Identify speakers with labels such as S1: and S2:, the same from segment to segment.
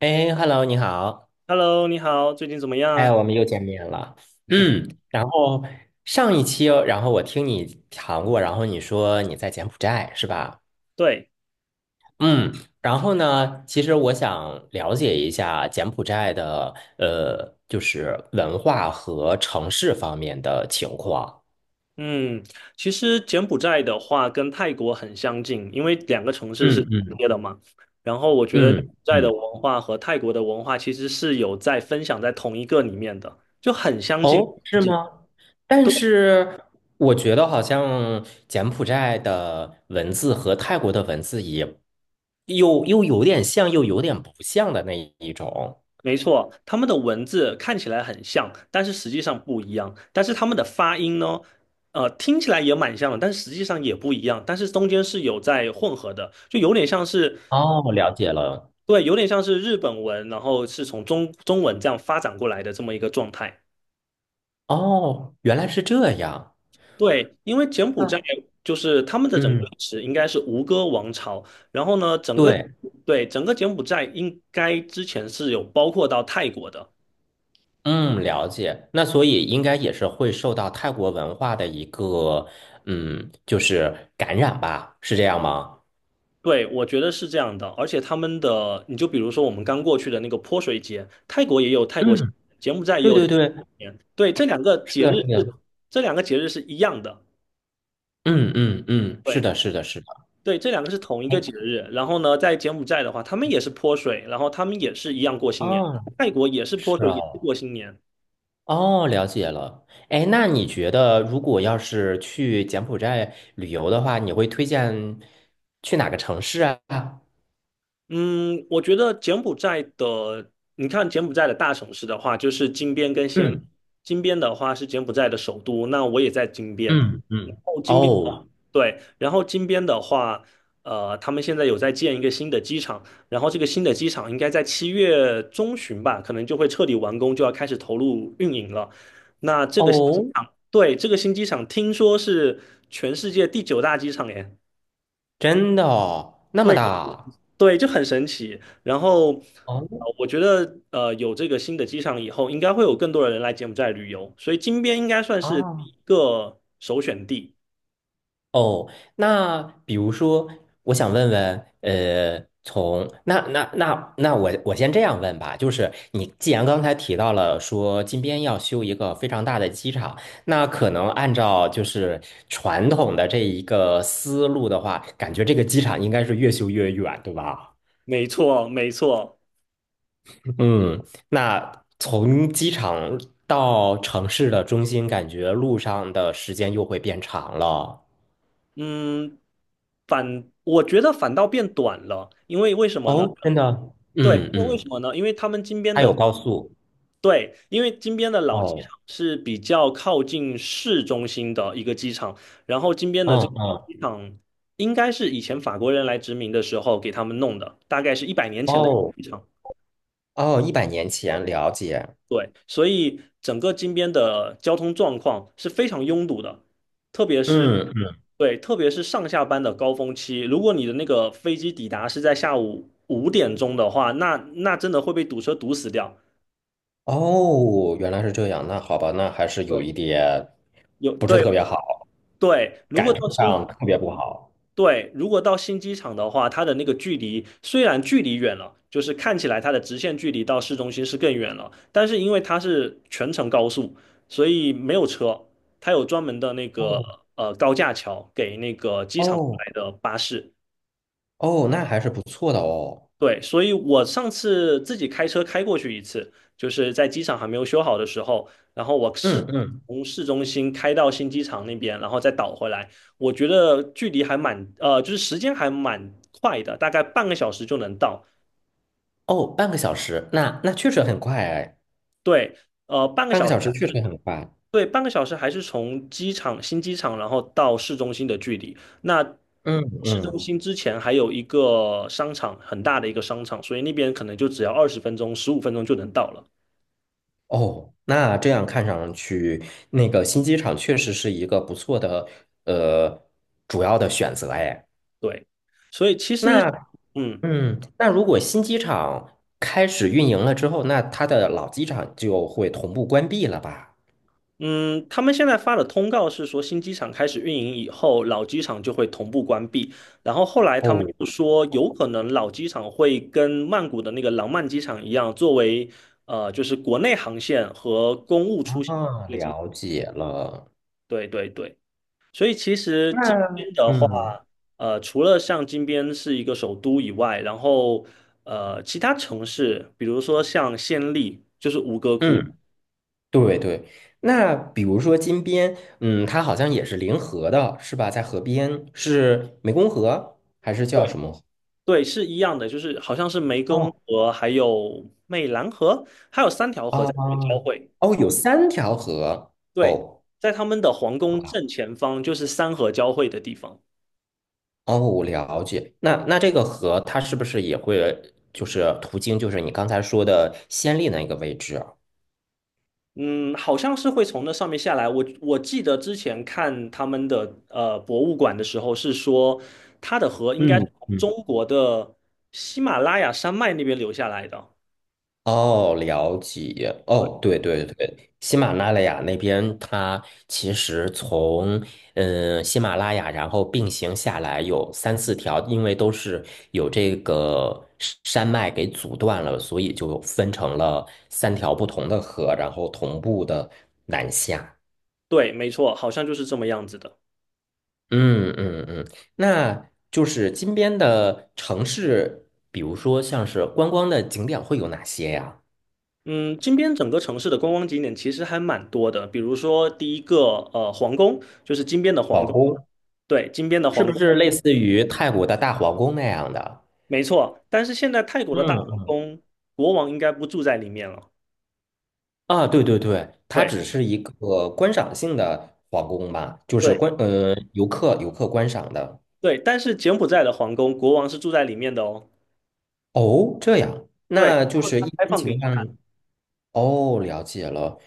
S1: 哎，Hello，你好，
S2: Hello，你好，最近怎么样
S1: 哎，
S2: 啊？
S1: 我们又见面了。然后上一期哦然后我听你谈过，然后你说你在柬埔寨是吧？
S2: 对，
S1: 嗯，然后呢，其实我想了解一下柬埔寨的就是文化和城市方面的情况。
S2: 嗯，其实柬埔寨的话跟泰国很相近，因为两个城市是
S1: 嗯
S2: 重
S1: 嗯
S2: 叠的嘛。然后我觉得柬埔
S1: 嗯
S2: 寨的
S1: 嗯
S2: 文化和泰国的文化其实是有在分享在同一个里面的，就很相近。
S1: 哦，
S2: 很
S1: 是
S2: 近
S1: 吗？但
S2: 对，
S1: 是我觉得好像柬埔寨的文字和泰国的文字也又有点像，又有点不像的那一种。
S2: 没错，他们的文字看起来很像，但是实际上不一样。但是他们的发音呢，听起来也蛮像的，但是实际上也不一样。但是中间是有在混合的，就有点像是
S1: 哦，了解了。
S2: 对，有点像是日本文，然后是从中文这样发展过来的这么一个状态。
S1: 哦，原来是这样。
S2: 对，因为柬埔寨
S1: 嗯，
S2: 就是他们的整个
S1: 嗯，
S2: 历史应该是吴哥王朝，然后呢，
S1: 对，
S2: 对，整个柬埔寨应该之前是有包括到泰国的。
S1: 嗯，了解。那所以应该也是会受到泰国文化的一个，嗯，就是感染吧，是这样吗？
S2: 对，我觉得是这样的，而且他们的，你就比如说我们刚过去的那个泼水节，泰国也有泰国新年，
S1: 嗯，
S2: 柬埔寨也
S1: 对
S2: 有柬
S1: 对
S2: 埔寨
S1: 对，
S2: 新年，对，
S1: 是的，是的，
S2: 是这两个节日是一样的。
S1: 嗯嗯嗯，是
S2: 对，
S1: 的，是的，是的。
S2: 对，这两个是同一个节日。然后呢，在柬埔寨的话，他们也是泼水，然后他们也是一样过新年。
S1: 哦。
S2: 泰国也是泼
S1: 是
S2: 水，
S1: 啊，
S2: 也是过新年。
S1: 哦，了解了。哎，那你觉得如果要是去柬埔寨旅游的话，你会推荐去哪个城市啊？
S2: 嗯，我觉得柬埔寨的，你看柬埔寨的大城市的话，就是金边跟暹，
S1: 嗯
S2: 金边的话是柬埔寨的首都，那我也在金边。
S1: 嗯
S2: 然
S1: 嗯，
S2: 后金边的，
S1: 哦
S2: 对，然后金边的话，他们现在有在建一个新的机场，然后这个新的机场应该在7月中旬吧，可能就会彻底完工，就要开始投入运营了。那这个新机
S1: 哦，
S2: 场，对，这个新机场听说是全世界第九大机场耶。
S1: 真的哦，那么
S2: 对。
S1: 大
S2: 对，就很神奇。然后，
S1: 哦
S2: 我觉得有这个新的机场以后，应该会有更多的人来柬埔寨旅游，所以金边应该算是第
S1: 啊，
S2: 一个首选地。
S1: 哦，那比如说，我想问问，从那那那那我先这样问吧，就是你既然刚才提到了说金边要修一个非常大的机场，那可能按照就是传统的这一个思路的话，感觉这个机场应该是越修越远，对吧？
S2: 没错，没错。
S1: 嗯，那从机场到城市的中心，感觉路上的时间又会变长了。
S2: 嗯，我觉得反倒变短了，因为为什么呢？
S1: 哦，真的，
S2: 对，因
S1: 嗯
S2: 为为
S1: 嗯。
S2: 什么呢？因为他们金边
S1: 它有
S2: 的
S1: 高速。
S2: 对，因为金边的老机场
S1: 哦，
S2: 是比较靠近市中心的一个机场，然后金边的
S1: 嗯
S2: 这个老
S1: 嗯，
S2: 机场应该是以前法国人来殖民的时候给他们弄的，大概是100年前的
S1: 哦
S2: 机场。
S1: 哦，一百年前了解。
S2: 对，所以整个金边的交通状况是非常拥堵的，特别是
S1: 嗯嗯，
S2: 对，特别是上下班的高峰期，如果你的那个飞机抵达是在下午5点钟的话，那那真的会被堵车堵死掉。
S1: 哦，原来是这样。那好吧，那还是有
S2: 对，
S1: 一点
S2: 有
S1: 不是
S2: 对
S1: 特别好，
S2: 对，如
S1: 感
S2: 果到
S1: 受
S2: 新
S1: 上特别不好。
S2: 对，如果到新机场的话，它的那个距离虽然距离远了，就是看起来它的直线距离到市中心是更远了，但是因为它是全程高速，所以没有车，它有专门的那个
S1: 哦
S2: 高架桥给那个机场
S1: 哦
S2: 来的巴士，
S1: 哦，那还是不错的哦。
S2: 对，所以我上次自己开车开过去一次，就是在机场还没有修好的时候，然后我试
S1: 嗯嗯，
S2: 从市中心开到新机场那边，然后再倒回来，我觉得距离还蛮，就是时间还蛮快的，大概半个小时就能到。
S1: 哦，半个小时，那那确实很快哎，
S2: 对，半个
S1: 半个
S2: 小时，
S1: 小时确实很快。
S2: 对，半个小时还是从机场新机场，然后到市中心的距离。那
S1: 嗯
S2: 市中
S1: 嗯，
S2: 心之前还有一个商场，很大的一个商场，所以那边可能就只要20分钟、15分钟就能到了。
S1: 哦，那这样看上去，那个新机场确实是一个不错的呃主要的选择哎。
S2: 对，所以其实，
S1: 那
S2: 嗯
S1: 嗯，那如果新机场开始运营了之后，那它的老机场就会同步关闭了吧？
S2: 嗯，他们现在发的通告是说，新机场开始运营以后，老机场就会同步关闭。然后后来他们
S1: 哦，
S2: 又说，有可能老机场会跟曼谷的那个廊曼机场一样，作为就是国内航线和公务出行的
S1: 啊，
S2: 一个机。
S1: 了解了。
S2: 对对对，所以其实
S1: 那
S2: 金边的话，
S1: 嗯
S2: 除了像金边是一个首都以外，然后其他城市，比如说像暹粒，就是吴哥窟。
S1: 嗯，对对。那比如说金边，嗯，它好像也是临河的，是吧？在河边，是湄公河还是叫
S2: 对
S1: 什么河？
S2: 对，是一样的，就是好像是湄公
S1: 哦
S2: 河，还有湄兰河，还有三条河在这边交
S1: 啊，
S2: 汇。
S1: 哦，有三条河
S2: 对，
S1: 哦。
S2: 在他们的皇宫正前方就是三河交汇的地方。
S1: 哦，我了解。那那这个河它是不是也会就是途经就是你刚才说的先例那个位置啊
S2: 嗯，好像是会从那上面下来。我记得之前看他们的博物馆的时候是说，它的河应该
S1: 嗯
S2: 是从中
S1: 嗯，
S2: 国的喜马拉雅山脉那边流下来的。
S1: 哦，了解。
S2: 对，
S1: 哦，对对对，喜马拉雅那边它其实从嗯喜马拉雅，然后并行下来有三四条，因为都是有这个山脉给阻断了，所以就分成了三条不同的河，然后同步的南下。
S2: 对，没错，好像就是这么样子的。
S1: 嗯嗯嗯，那就是金边的城市，比如说像是观光的景点会有哪些呀？
S2: 嗯，金边整个城市的观光景点其实还蛮多的，比如说第一个皇宫，就是金边的
S1: 皇
S2: 皇宫，
S1: 宫
S2: 对，金边的
S1: 是
S2: 皇
S1: 不是
S2: 宫，
S1: 类似于泰国的大皇宫那样的？
S2: 没错。但是现在泰国的大皇
S1: 嗯，
S2: 宫，国王应该不住在里面了。
S1: 啊，对对对，它
S2: 对
S1: 只是一个观赏性的皇宫吧，就是
S2: 对
S1: 观游客观赏的。
S2: 对，但是柬埔寨的皇宫，国王是住在里面的哦。
S1: 哦，这样，
S2: 对，然
S1: 那就
S2: 后
S1: 是
S2: 他
S1: 一
S2: 开
S1: 般
S2: 放给
S1: 情
S2: 你
S1: 况。
S2: 看，
S1: 哦，了解了。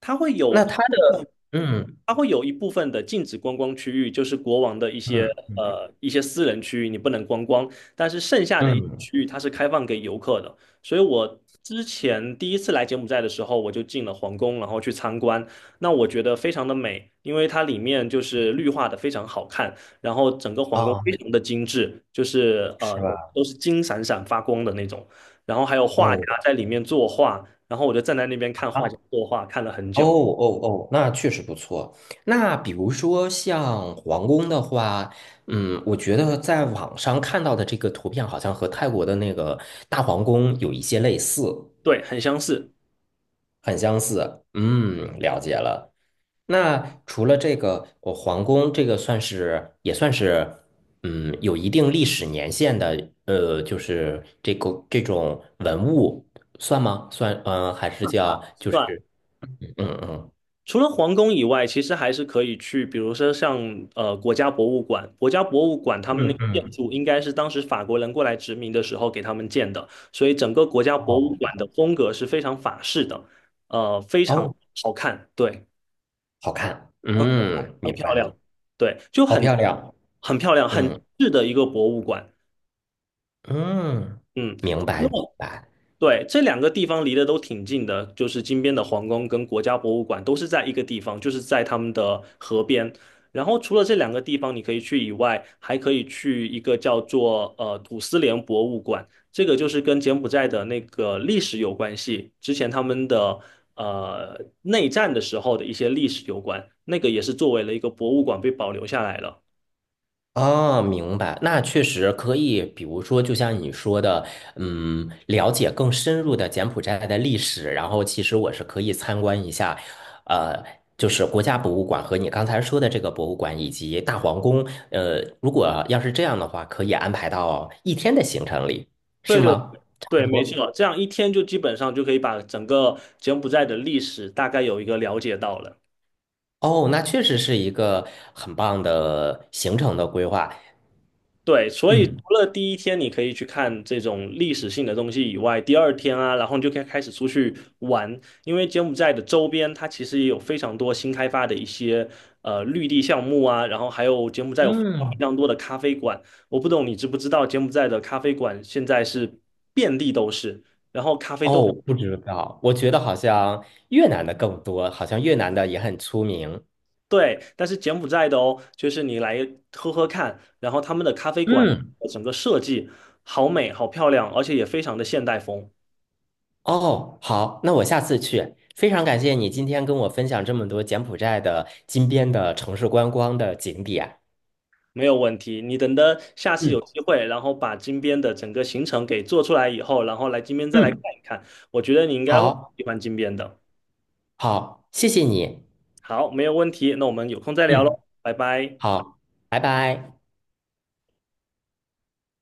S2: 它会有
S1: 那
S2: 一
S1: 它
S2: 部分
S1: 的嗯
S2: 它会有一部分的禁止观光区域，就是国王的一些
S1: 嗯嗯
S2: 一些私人区域，你不能观光。但是剩下的一些
S1: 嗯
S2: 区域，它是开放给游客的。所以我之前第一次来柬埔寨的时候，我就进了皇宫，然后去参观。那我觉得非常的美，因为它里面就是绿化的非常好看，然后整个皇宫非
S1: 啊，
S2: 常的精致，就是
S1: 是吧？
S2: 都是金闪闪发光的那种。然后还有画家
S1: 哦。
S2: 在里面作画，然后我就站在那边看画家作画，看了很
S1: 哦
S2: 久。
S1: 哦哦，那确实不错。那比如说像皇宫的话，嗯，我觉得在网上看到的这个图片好像和泰国的那个大皇宫有一些类似，
S2: 对，很相似。
S1: 很相似。嗯，了解了。那除了这个，我皇宫这个算是也算是，嗯，有一定历史年限的，就是这个这种文物算吗？算，嗯、还是叫就
S2: 算，
S1: 是，嗯嗯
S2: 除了皇宫以外，其实还是可以去，比如说像国家博物馆，国家博物馆他们那
S1: 嗯
S2: 个建
S1: 嗯，
S2: 筑应该是当时法国人过来殖民的时候给他们建的，所以整个国家博物
S1: 哦。
S2: 馆的风格是非常法式的，非常
S1: 哦，
S2: 好看，对，
S1: 好看，
S2: 很
S1: 嗯，
S2: 很
S1: 明
S2: 漂
S1: 白，了，
S2: 亮，对，就
S1: 好
S2: 很
S1: 漂亮，
S2: 很漂亮，很
S1: 嗯
S2: 质的一个博物馆，
S1: 嗯，
S2: 嗯，
S1: 明
S2: 那
S1: 白明白，
S2: 对，这两个地方离得都挺近的，就是金边的皇宫跟国家博物馆都是在一个地方，就是在他们的河边。然后除了这两个地方你可以去以外，还可以去一个叫做土司连博物馆，这个就是跟柬埔寨的那个历史有关系，之前他们的内战的时候的一些历史有关，那个也是作为了一个博物馆被保留下来了。
S1: 哦，明白，那确实可以，比如说，就像你说的，嗯，了解更深入的柬埔寨的历史，然后其实我是可以参观一下，呃，就是国家博物馆和你刚才说的这个博物馆以及大皇宫，如果要是这样的话，可以安排到一天的行程里，是
S2: 对对
S1: 吗？差
S2: 对，
S1: 不
S2: 没
S1: 多。
S2: 错，这样一天就基本上就可以把整个柬埔寨的历史大概有一个了解到了。
S1: 哦，那确实是一个很棒的行程的规划。
S2: 对，所以除
S1: 嗯
S2: 了第一天你可以去看这种历史性的东西以外，第二天啊，然后你就可以开始出去玩，因为柬埔寨的周边它其实也有非常多新开发的一些绿地项目啊，然后还有柬埔寨有非常非
S1: 嗯，
S2: 常多的咖啡馆，我不懂你知不知道柬埔寨的咖啡馆现在是遍地都是，然后咖啡都
S1: 哦，不知道，我觉得好像越南的更多，好像越南的也很出名。
S2: 对，但是柬埔寨的哦，就是你来喝喝看，然后他们的咖啡馆
S1: 嗯，
S2: 整个设计好美好漂亮，而且也非常的现代风。
S1: 哦，好，那我下次去。非常感谢你今天跟我分享这么多柬埔寨的金边的城市观光的景点。
S2: 没有问题。你等的下次
S1: 嗯
S2: 有机会，然后把金边的整个行程给做出来以后，然后来金边再来看
S1: 嗯，
S2: 一看。我觉得你应该会
S1: 好，
S2: 喜欢金边的。
S1: 好，谢谢你。
S2: 好，没有问题。那我们有空再聊
S1: 嗯，
S2: 喽，拜拜。
S1: 好，拜拜。